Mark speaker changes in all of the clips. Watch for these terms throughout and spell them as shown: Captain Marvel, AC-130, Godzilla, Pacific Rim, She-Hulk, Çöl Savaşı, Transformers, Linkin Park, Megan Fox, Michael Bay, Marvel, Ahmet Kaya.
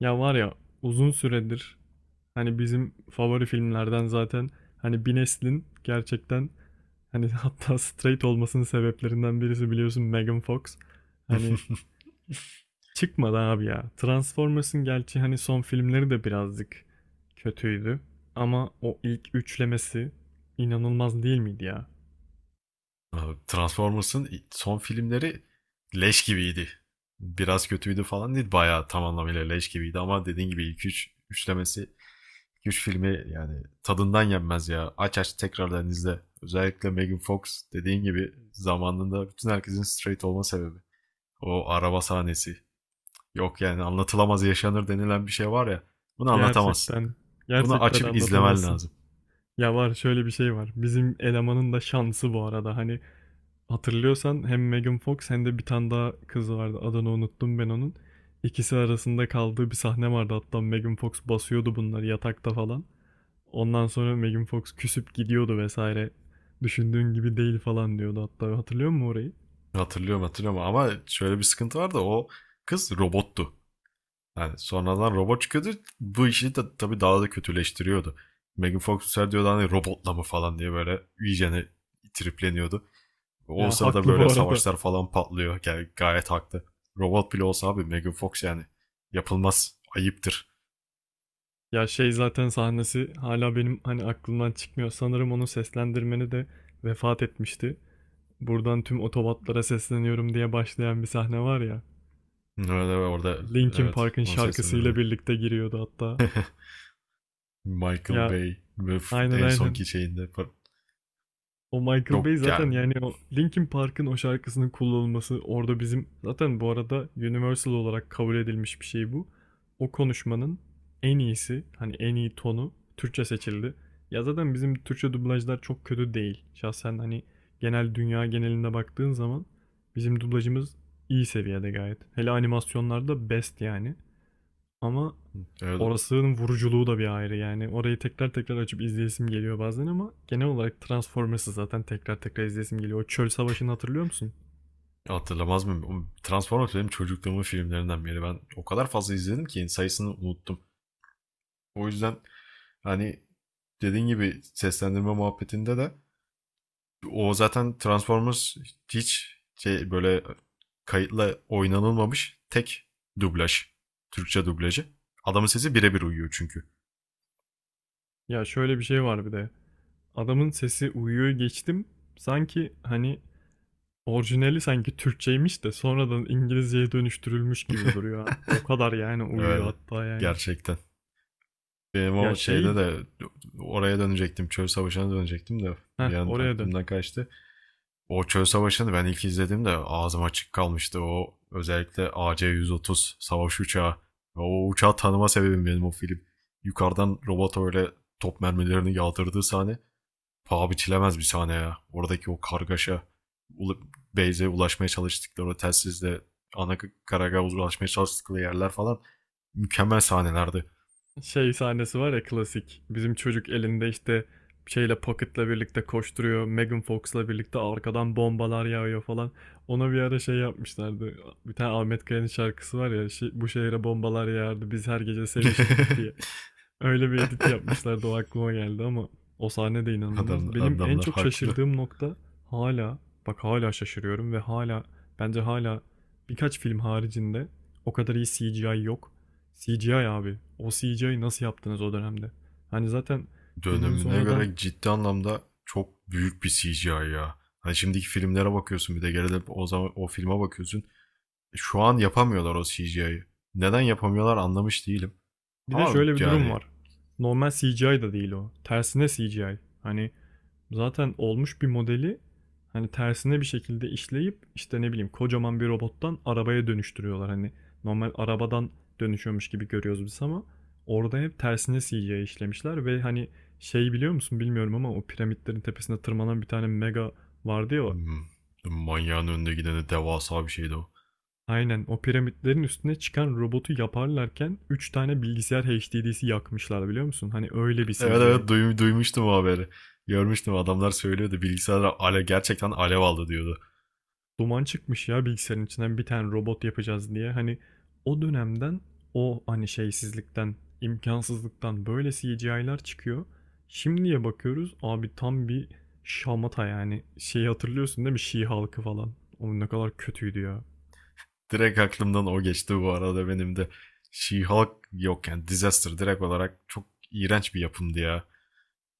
Speaker 1: Ya var ya, uzun süredir hani bizim favori filmlerden zaten, hani bir neslin gerçekten, hani hatta straight olmasının sebeplerinden birisi biliyorsun Megan Fox. Hani çıkmadı abi ya. Transformers'ın gerçi hani son filmleri de birazcık kötüydü. Ama o ilk üçlemesi inanılmaz değil miydi ya?
Speaker 2: Abi, Transformers'ın son filmleri leş gibiydi. Biraz kötüydü falan değil. Bayağı tam anlamıyla leş gibiydi ama dediğin gibi ilk üçlemesi, üç filmi yani tadından yenmez ya. Aç aç tekrardan izle. Özellikle Megan Fox dediğin gibi zamanında bütün herkesin straight olma sebebi. O araba sahnesi. Yok yani anlatılamaz yaşanır denilen bir şey var ya. Bunu anlatamazsın.
Speaker 1: Gerçekten,
Speaker 2: Bunu
Speaker 1: gerçekten
Speaker 2: açıp izlemen
Speaker 1: anlatamazsın.
Speaker 2: lazım.
Speaker 1: Ya var, şöyle bir şey var. Bizim elemanın da şansı bu arada. Hani hatırlıyorsan hem Megan Fox hem de bir tane daha kız vardı. Adını unuttum ben onun. İkisi arasında kaldığı bir sahne vardı. Hatta Megan Fox basıyordu bunları yatakta falan. Ondan sonra Megan Fox küsüp gidiyordu vesaire. Düşündüğün gibi değil falan diyordu hatta. Hatırlıyor musun orayı?
Speaker 2: Hatırlıyorum, hatırlıyorum ama şöyle bir sıkıntı var da o kız robottu. Yani sonradan robot çıkıyordu. Bu işi de tabii daha da kötüleştiriyordu. Megan Fox ser diyordu hani robotla mı falan diye böyle iyicene tripleniyordu. O
Speaker 1: Ya
Speaker 2: sırada
Speaker 1: haklı
Speaker 2: böyle
Speaker 1: bu arada.
Speaker 2: savaşlar falan patlıyor. Yani gayet haklı. Robot bile olsa abi Megan Fox yani yapılmaz. Ayıptır.
Speaker 1: Ya şey zaten sahnesi hala benim hani aklımdan çıkmıyor. Sanırım onun seslendirmeni de vefat etmişti. Buradan tüm otobatlara sesleniyorum diye başlayan bir sahne var ya.
Speaker 2: Öyle orada,
Speaker 1: Linkin
Speaker 2: evet,
Speaker 1: Park'ın
Speaker 2: onu
Speaker 1: şarkısıyla
Speaker 2: seslendirmeni.
Speaker 1: birlikte giriyordu hatta.
Speaker 2: Michael
Speaker 1: Ya
Speaker 2: Bay ve
Speaker 1: aynen,
Speaker 2: en
Speaker 1: aynen.
Speaker 2: sonki şeyinde
Speaker 1: O Michael Bay
Speaker 2: çok
Speaker 1: zaten
Speaker 2: yani.
Speaker 1: yani o Linkin Park'ın o şarkısının kullanılması orada bizim zaten bu arada universal olarak kabul edilmiş bir şey bu. O konuşmanın en iyisi hani en iyi tonu Türkçe seçildi. Ya zaten bizim Türkçe dublajlar çok kötü değil. Şahsen hani genel dünya genelinde baktığın zaman bizim dublajımız iyi seviyede gayet. Hele animasyonlarda best yani. Ama
Speaker 2: Evet.
Speaker 1: orasının vuruculuğu da bir ayrı yani. Orayı tekrar tekrar açıp izleyesim geliyor bazen ama genel olarak Transformers'ı zaten tekrar tekrar izleyesim geliyor. O çöl savaşını hatırlıyor musun?
Speaker 2: Hatırlamaz mıyım? Oğlum, Transformers benim çocukluğumun filmlerinden biri. Ben o kadar fazla izledim ki sayısını unuttum. O yüzden hani dediğin gibi seslendirme muhabbetinde de o zaten Transformers hiç şey böyle kayıtla oynanılmamış tek dublaj. Türkçe dublajı. Adamın sesi birebir uyuyor çünkü.
Speaker 1: Ya şöyle bir şey var bir de. Adamın sesi uyuyor geçtim. Sanki hani orijinali sanki Türkçeymiş de sonradan İngilizceye dönüştürülmüş gibi duruyor. O kadar yani uyuyor
Speaker 2: Evet.
Speaker 1: hatta yani.
Speaker 2: Gerçekten. Benim
Speaker 1: Ya
Speaker 2: o
Speaker 1: şey...
Speaker 2: şeyde de oraya dönecektim. Çöl Savaşı'na dönecektim de
Speaker 1: Heh,
Speaker 2: bir an
Speaker 1: oraya dön.
Speaker 2: aklımdan kaçtı. O çöl savaşını ben ilk izlediğimde ağzım açık kalmıştı. O özellikle AC-130 savaş uçağı. Ve o uçağı tanıma sebebim benim o film. Yukarıdan robot öyle top mermilerini yağdırdığı sahne paha biçilemez bir sahne ya. Oradaki o kargaşa, Beyze ulaşmaya çalıştıkları o telsizle ana karagaha ulaşmaya çalıştıkları yerler falan mükemmel sahnelerdi.
Speaker 1: Şey sahnesi var ya klasik. Bizim çocuk elinde işte şeyle Pocket'la birlikte koşturuyor. Megan Fox'la birlikte arkadan bombalar yağıyor falan. Ona bir ara şey yapmışlardı. Bir tane Ahmet Kaya'nın şarkısı var ya. Bu şehre bombalar yağardı. Biz her gece sevişirdik diye. Öyle bir edit yapmışlardı, o aklıma geldi ama o sahne de inanılmaz. Benim en
Speaker 2: Adamlar
Speaker 1: çok
Speaker 2: haklı.
Speaker 1: şaşırdığım nokta hala, bak hala şaşırıyorum ve hala bence hala birkaç film haricinde o kadar iyi CGI yok. CGI abi. O CGI nasıl yaptınız o dönemde? Hani zaten filmin
Speaker 2: Dönemine
Speaker 1: sonradan
Speaker 2: göre ciddi anlamda çok büyük bir CGI ya. Hani şimdiki filmlere bakıyorsun bir de geride o zaman o filme bakıyorsun. Şu an yapamıyorlar o CGI'yi. Neden yapamıyorlar anlamış değilim.
Speaker 1: bir de
Speaker 2: Ama
Speaker 1: şöyle bir durum
Speaker 2: yani
Speaker 1: var. Normal CGI da değil o. Tersine CGI. Hani zaten olmuş bir modeli hani tersine bir şekilde işleyip işte ne bileyim kocaman bir robottan arabaya dönüştürüyorlar. Hani normal arabadan dönüşüyormuş gibi görüyoruz biz ama orada hep tersine CGI işlemişler ve hani şey, biliyor musun bilmiyorum ama o piramitlerin tepesine tırmanan bir tane mega vardı ya o.
Speaker 2: hmm, manyağın önünde gideni devasa bir şeydi o.
Speaker 1: Aynen, o piramitlerin üstüne çıkan robotu yaparlarken 3 tane bilgisayar HDD'si yakmışlar biliyor musun? Hani öyle bir
Speaker 2: Evet,
Speaker 1: CGI.
Speaker 2: evet, duymuştum o haberi. Görmüştüm, adamlar söylüyordu bilgisayarlar ale gerçekten alev aldı diyordu.
Speaker 1: Duman çıkmış ya bilgisayarın içinden, bir tane robot yapacağız diye. Hani o dönemden, o hani şeysizlikten, imkansızlıktan böyle CGI'lar çıkıyor. Şimdiye bakıyoruz abi, tam bir şamata yani. Şeyi hatırlıyorsun değil mi? Şii halkı falan. O ne kadar kötüydü ya.
Speaker 2: Direkt aklımdan o geçti bu arada benim de. She-Hulk yok yani Disaster direkt olarak çok iğrenç bir yapımdı ya.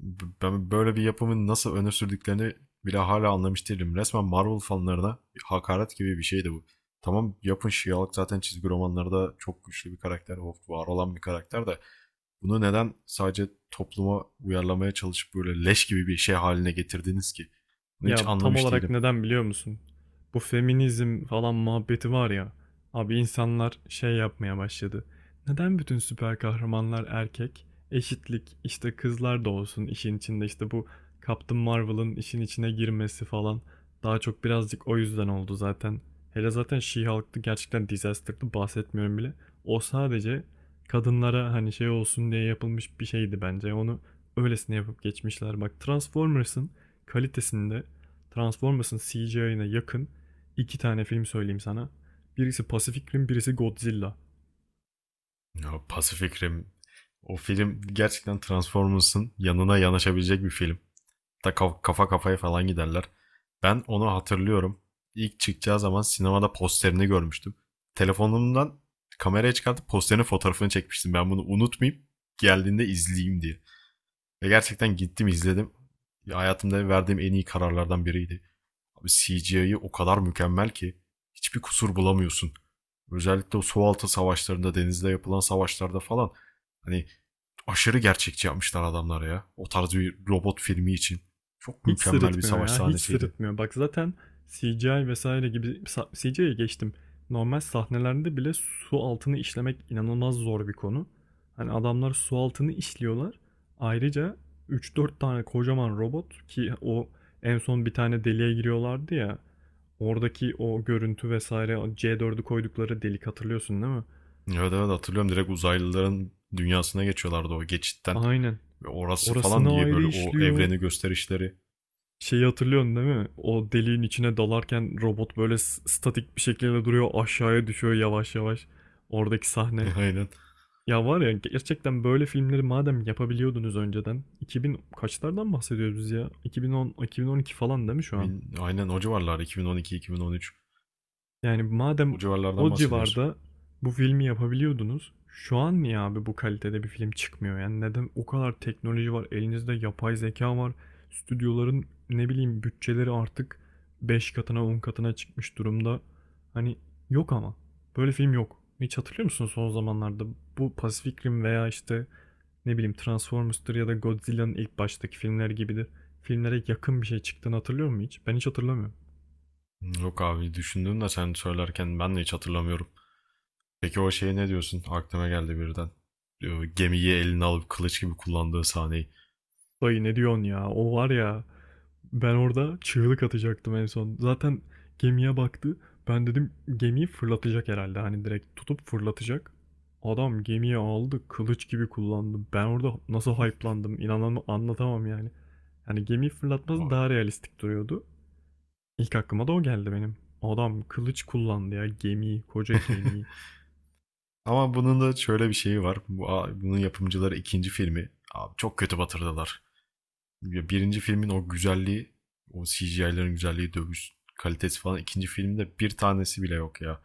Speaker 2: Ben böyle bir yapımın nasıl öne sürdüklerini bile hala anlamış değilim. Resmen Marvel fanlarına hakaret gibi bir şeydi bu. Tamam, yapın, She-Hulk zaten çizgi romanlarda çok güçlü bir karakter, o var olan bir karakter de bunu neden sadece topluma uyarlamaya çalışıp böyle leş gibi bir şey haline getirdiniz ki? Bunu
Speaker 1: Ya
Speaker 2: hiç
Speaker 1: tam
Speaker 2: anlamış
Speaker 1: olarak
Speaker 2: değilim.
Speaker 1: neden biliyor musun? Bu feminizm falan muhabbeti var ya. Abi insanlar şey yapmaya başladı. Neden bütün süper kahramanlar erkek? Eşitlik, işte kızlar da olsun işin içinde, işte bu Captain Marvel'ın işin içine girmesi falan. Daha çok birazcık o yüzden oldu zaten. Hele zaten She-Hulk'tı, gerçekten disaster'dı, bahsetmiyorum bile. O sadece kadınlara hani şey olsun diye yapılmış bir şeydi bence. Onu öylesine yapıp geçmişler. Bak Transformers'ın kalitesinde, Transformers'ın CGI'ına yakın iki tane film söyleyeyim sana. Birisi Pacific Rim, birisi Godzilla.
Speaker 2: Ya Pacific Rim, o film gerçekten Transformers'ın yanına yanaşabilecek bir film. Ta kafa kafaya falan giderler. Ben onu hatırlıyorum. İlk çıkacağı zaman sinemada posterini görmüştüm. Telefonumdan kameraya çıkartıp posterin fotoğrafını çekmiştim. Ben bunu unutmayıp geldiğinde izleyeyim diye. Ve gerçekten gittim izledim. Ya, hayatımda verdiğim en iyi kararlardan biriydi. Abi CGI'yi o kadar mükemmel ki hiçbir kusur bulamıyorsun. Özellikle o su altı savaşlarında, denizde yapılan savaşlarda falan hani aşırı gerçekçi yapmışlar adamlar ya. O tarz bir robot filmi için. Çok
Speaker 1: Hiç
Speaker 2: mükemmel bir
Speaker 1: sırıtmıyor
Speaker 2: savaş
Speaker 1: ya, hiç
Speaker 2: sahnesiydi.
Speaker 1: sırıtmıyor. Bak zaten CGI vesaire gibi CGI'ye geçtim. Normal sahnelerde bile su altını işlemek inanılmaz zor bir konu. Hani adamlar su altını işliyorlar. Ayrıca üç dört tane kocaman robot, ki o en son bir tane deliğe giriyorlardı ya. Oradaki o görüntü vesaire, C4'ü koydukları delik, hatırlıyorsun değil mi?
Speaker 2: Evet, evet, hatırlıyorum, direkt uzaylıların dünyasına geçiyorlardı o geçitten.
Speaker 1: Aynen.
Speaker 2: Ve orası falan
Speaker 1: Orasını
Speaker 2: diye
Speaker 1: ayrı
Speaker 2: böyle o
Speaker 1: işliyor.
Speaker 2: evreni gösterişleri.
Speaker 1: Şeyi hatırlıyorsun değil mi? O deliğin içine dalarken robot böyle statik bir şekilde duruyor, aşağıya düşüyor yavaş yavaş. Oradaki sahne.
Speaker 2: Aynen.
Speaker 1: Ya var ya, gerçekten böyle filmleri madem yapabiliyordunuz önceden. 2000 kaçlardan bahsediyoruz biz ya? 2010, 2012 falan değil mi şu an?
Speaker 2: 2000, aynen o civarlar, 2012-2013.
Speaker 1: Yani madem
Speaker 2: O civarlardan
Speaker 1: o
Speaker 2: bahsediyorsun.
Speaker 1: civarda bu filmi yapabiliyordunuz, şu an niye abi bu kalitede bir film çıkmıyor? Yani neden o kadar teknoloji var, elinizde yapay zeka var, stüdyoların ne bileyim bütçeleri artık 5 katına 10 katına çıkmış durumda. Hani yok, ama böyle film yok. Hiç hatırlıyor musun son zamanlarda bu Pacific Rim veya işte ne bileyim Transformers'tır ya da Godzilla'nın ilk baştaki filmler gibidir. Filmlere yakın bir şey çıktığını hatırlıyor musun hiç? Ben hiç hatırlamıyorum.
Speaker 2: Yok abi, düşündüm de sen söylerken ben de hiç hatırlamıyorum. Peki o şeye ne diyorsun? Aklıma geldi birden. Gemiyi eline alıp kılıç gibi kullandığı sahneyi.
Speaker 1: Dayı ne diyorsun ya? O var ya. Ben orada çığlık atacaktım en son. Zaten gemiye baktı. Ben dedim gemiyi fırlatacak herhalde. Hani direkt tutup fırlatacak. Adam gemiyi aldı, kılıç gibi kullandı. Ben orada nasıl hype'landım, inanamam anlatamam yani. Yani gemiyi fırlatması
Speaker 2: O-
Speaker 1: daha realistik duruyordu. İlk aklıma da o geldi benim. Adam kılıç kullandı ya gemiyi, koca gemiyi.
Speaker 2: Ama bunun da şöyle bir şeyi var. Bunun yapımcıları ikinci filmi abi çok kötü batırdılar. Ya birinci filmin o güzelliği, o CGI'lerin güzelliği, dövüş kalitesi falan ikinci filmde bir tanesi bile yok ya.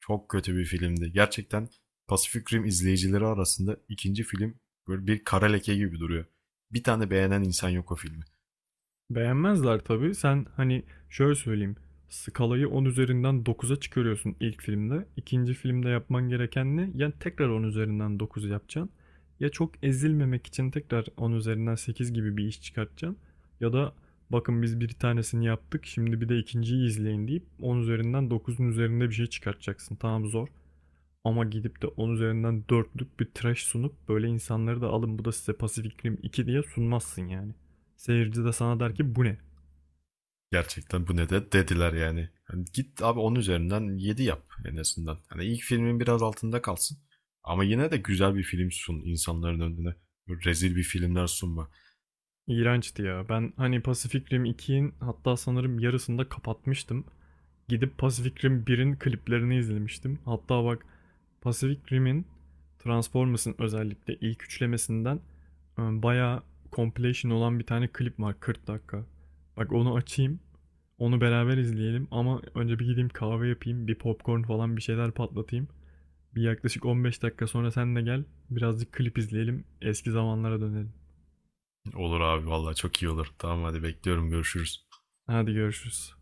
Speaker 2: Çok kötü bir filmdi. Gerçekten Pacific Rim izleyicileri arasında ikinci film böyle bir kara leke gibi duruyor. Bir tane beğenen insan yok o filmi.
Speaker 1: Beğenmezler tabii. Sen hani şöyle söyleyeyim. Skalayı 10 üzerinden 9'a çıkarıyorsun ilk filmde. İkinci filmde yapman gereken ne? Yani tekrar 10 üzerinden 9 yapacaksın. Ya çok ezilmemek için tekrar 10 üzerinden 8 gibi bir iş çıkartacaksın. Ya da bakın biz bir tanesini yaptık, şimdi bir de ikinciyi izleyin deyip 10 üzerinden 9'un üzerinde bir şey çıkartacaksın. Tamam, zor. Ama gidip de 10 üzerinden 4'lük bir trash sunup böyle insanları da alın, bu da size Pacific Rim 2 diye sunmazsın yani. Seyirci de sana der ki bu ne?
Speaker 2: Gerçekten bu ne de dediler yani. Hani git abi, 10 üzerinden 7 yap en azından. Hani ilk filmin biraz altında kalsın. Ama yine de güzel bir film sun insanların önüne. Böyle rezil bir filmler sunma.
Speaker 1: İğrençti ya. Ben hani Pacific Rim 2'nin hatta sanırım yarısında kapatmıştım. Gidip Pacific Rim 1'in kliplerini izlemiştim. Hatta bak, Pacific Rim'in, Transformers'ın özellikle ilk üçlemesinden bayağı compilation olan bir tane klip var 40 dakika. Bak onu açayım. Onu beraber izleyelim ama önce bir gideyim kahve yapayım, bir popcorn falan bir şeyler patlatayım. Bir yaklaşık 15 dakika sonra sen de gel, birazcık klip izleyelim, eski zamanlara dönelim.
Speaker 2: Olur abi, vallahi çok iyi olur. Tamam, hadi bekliyorum, görüşürüz.
Speaker 1: Hadi görüşürüz.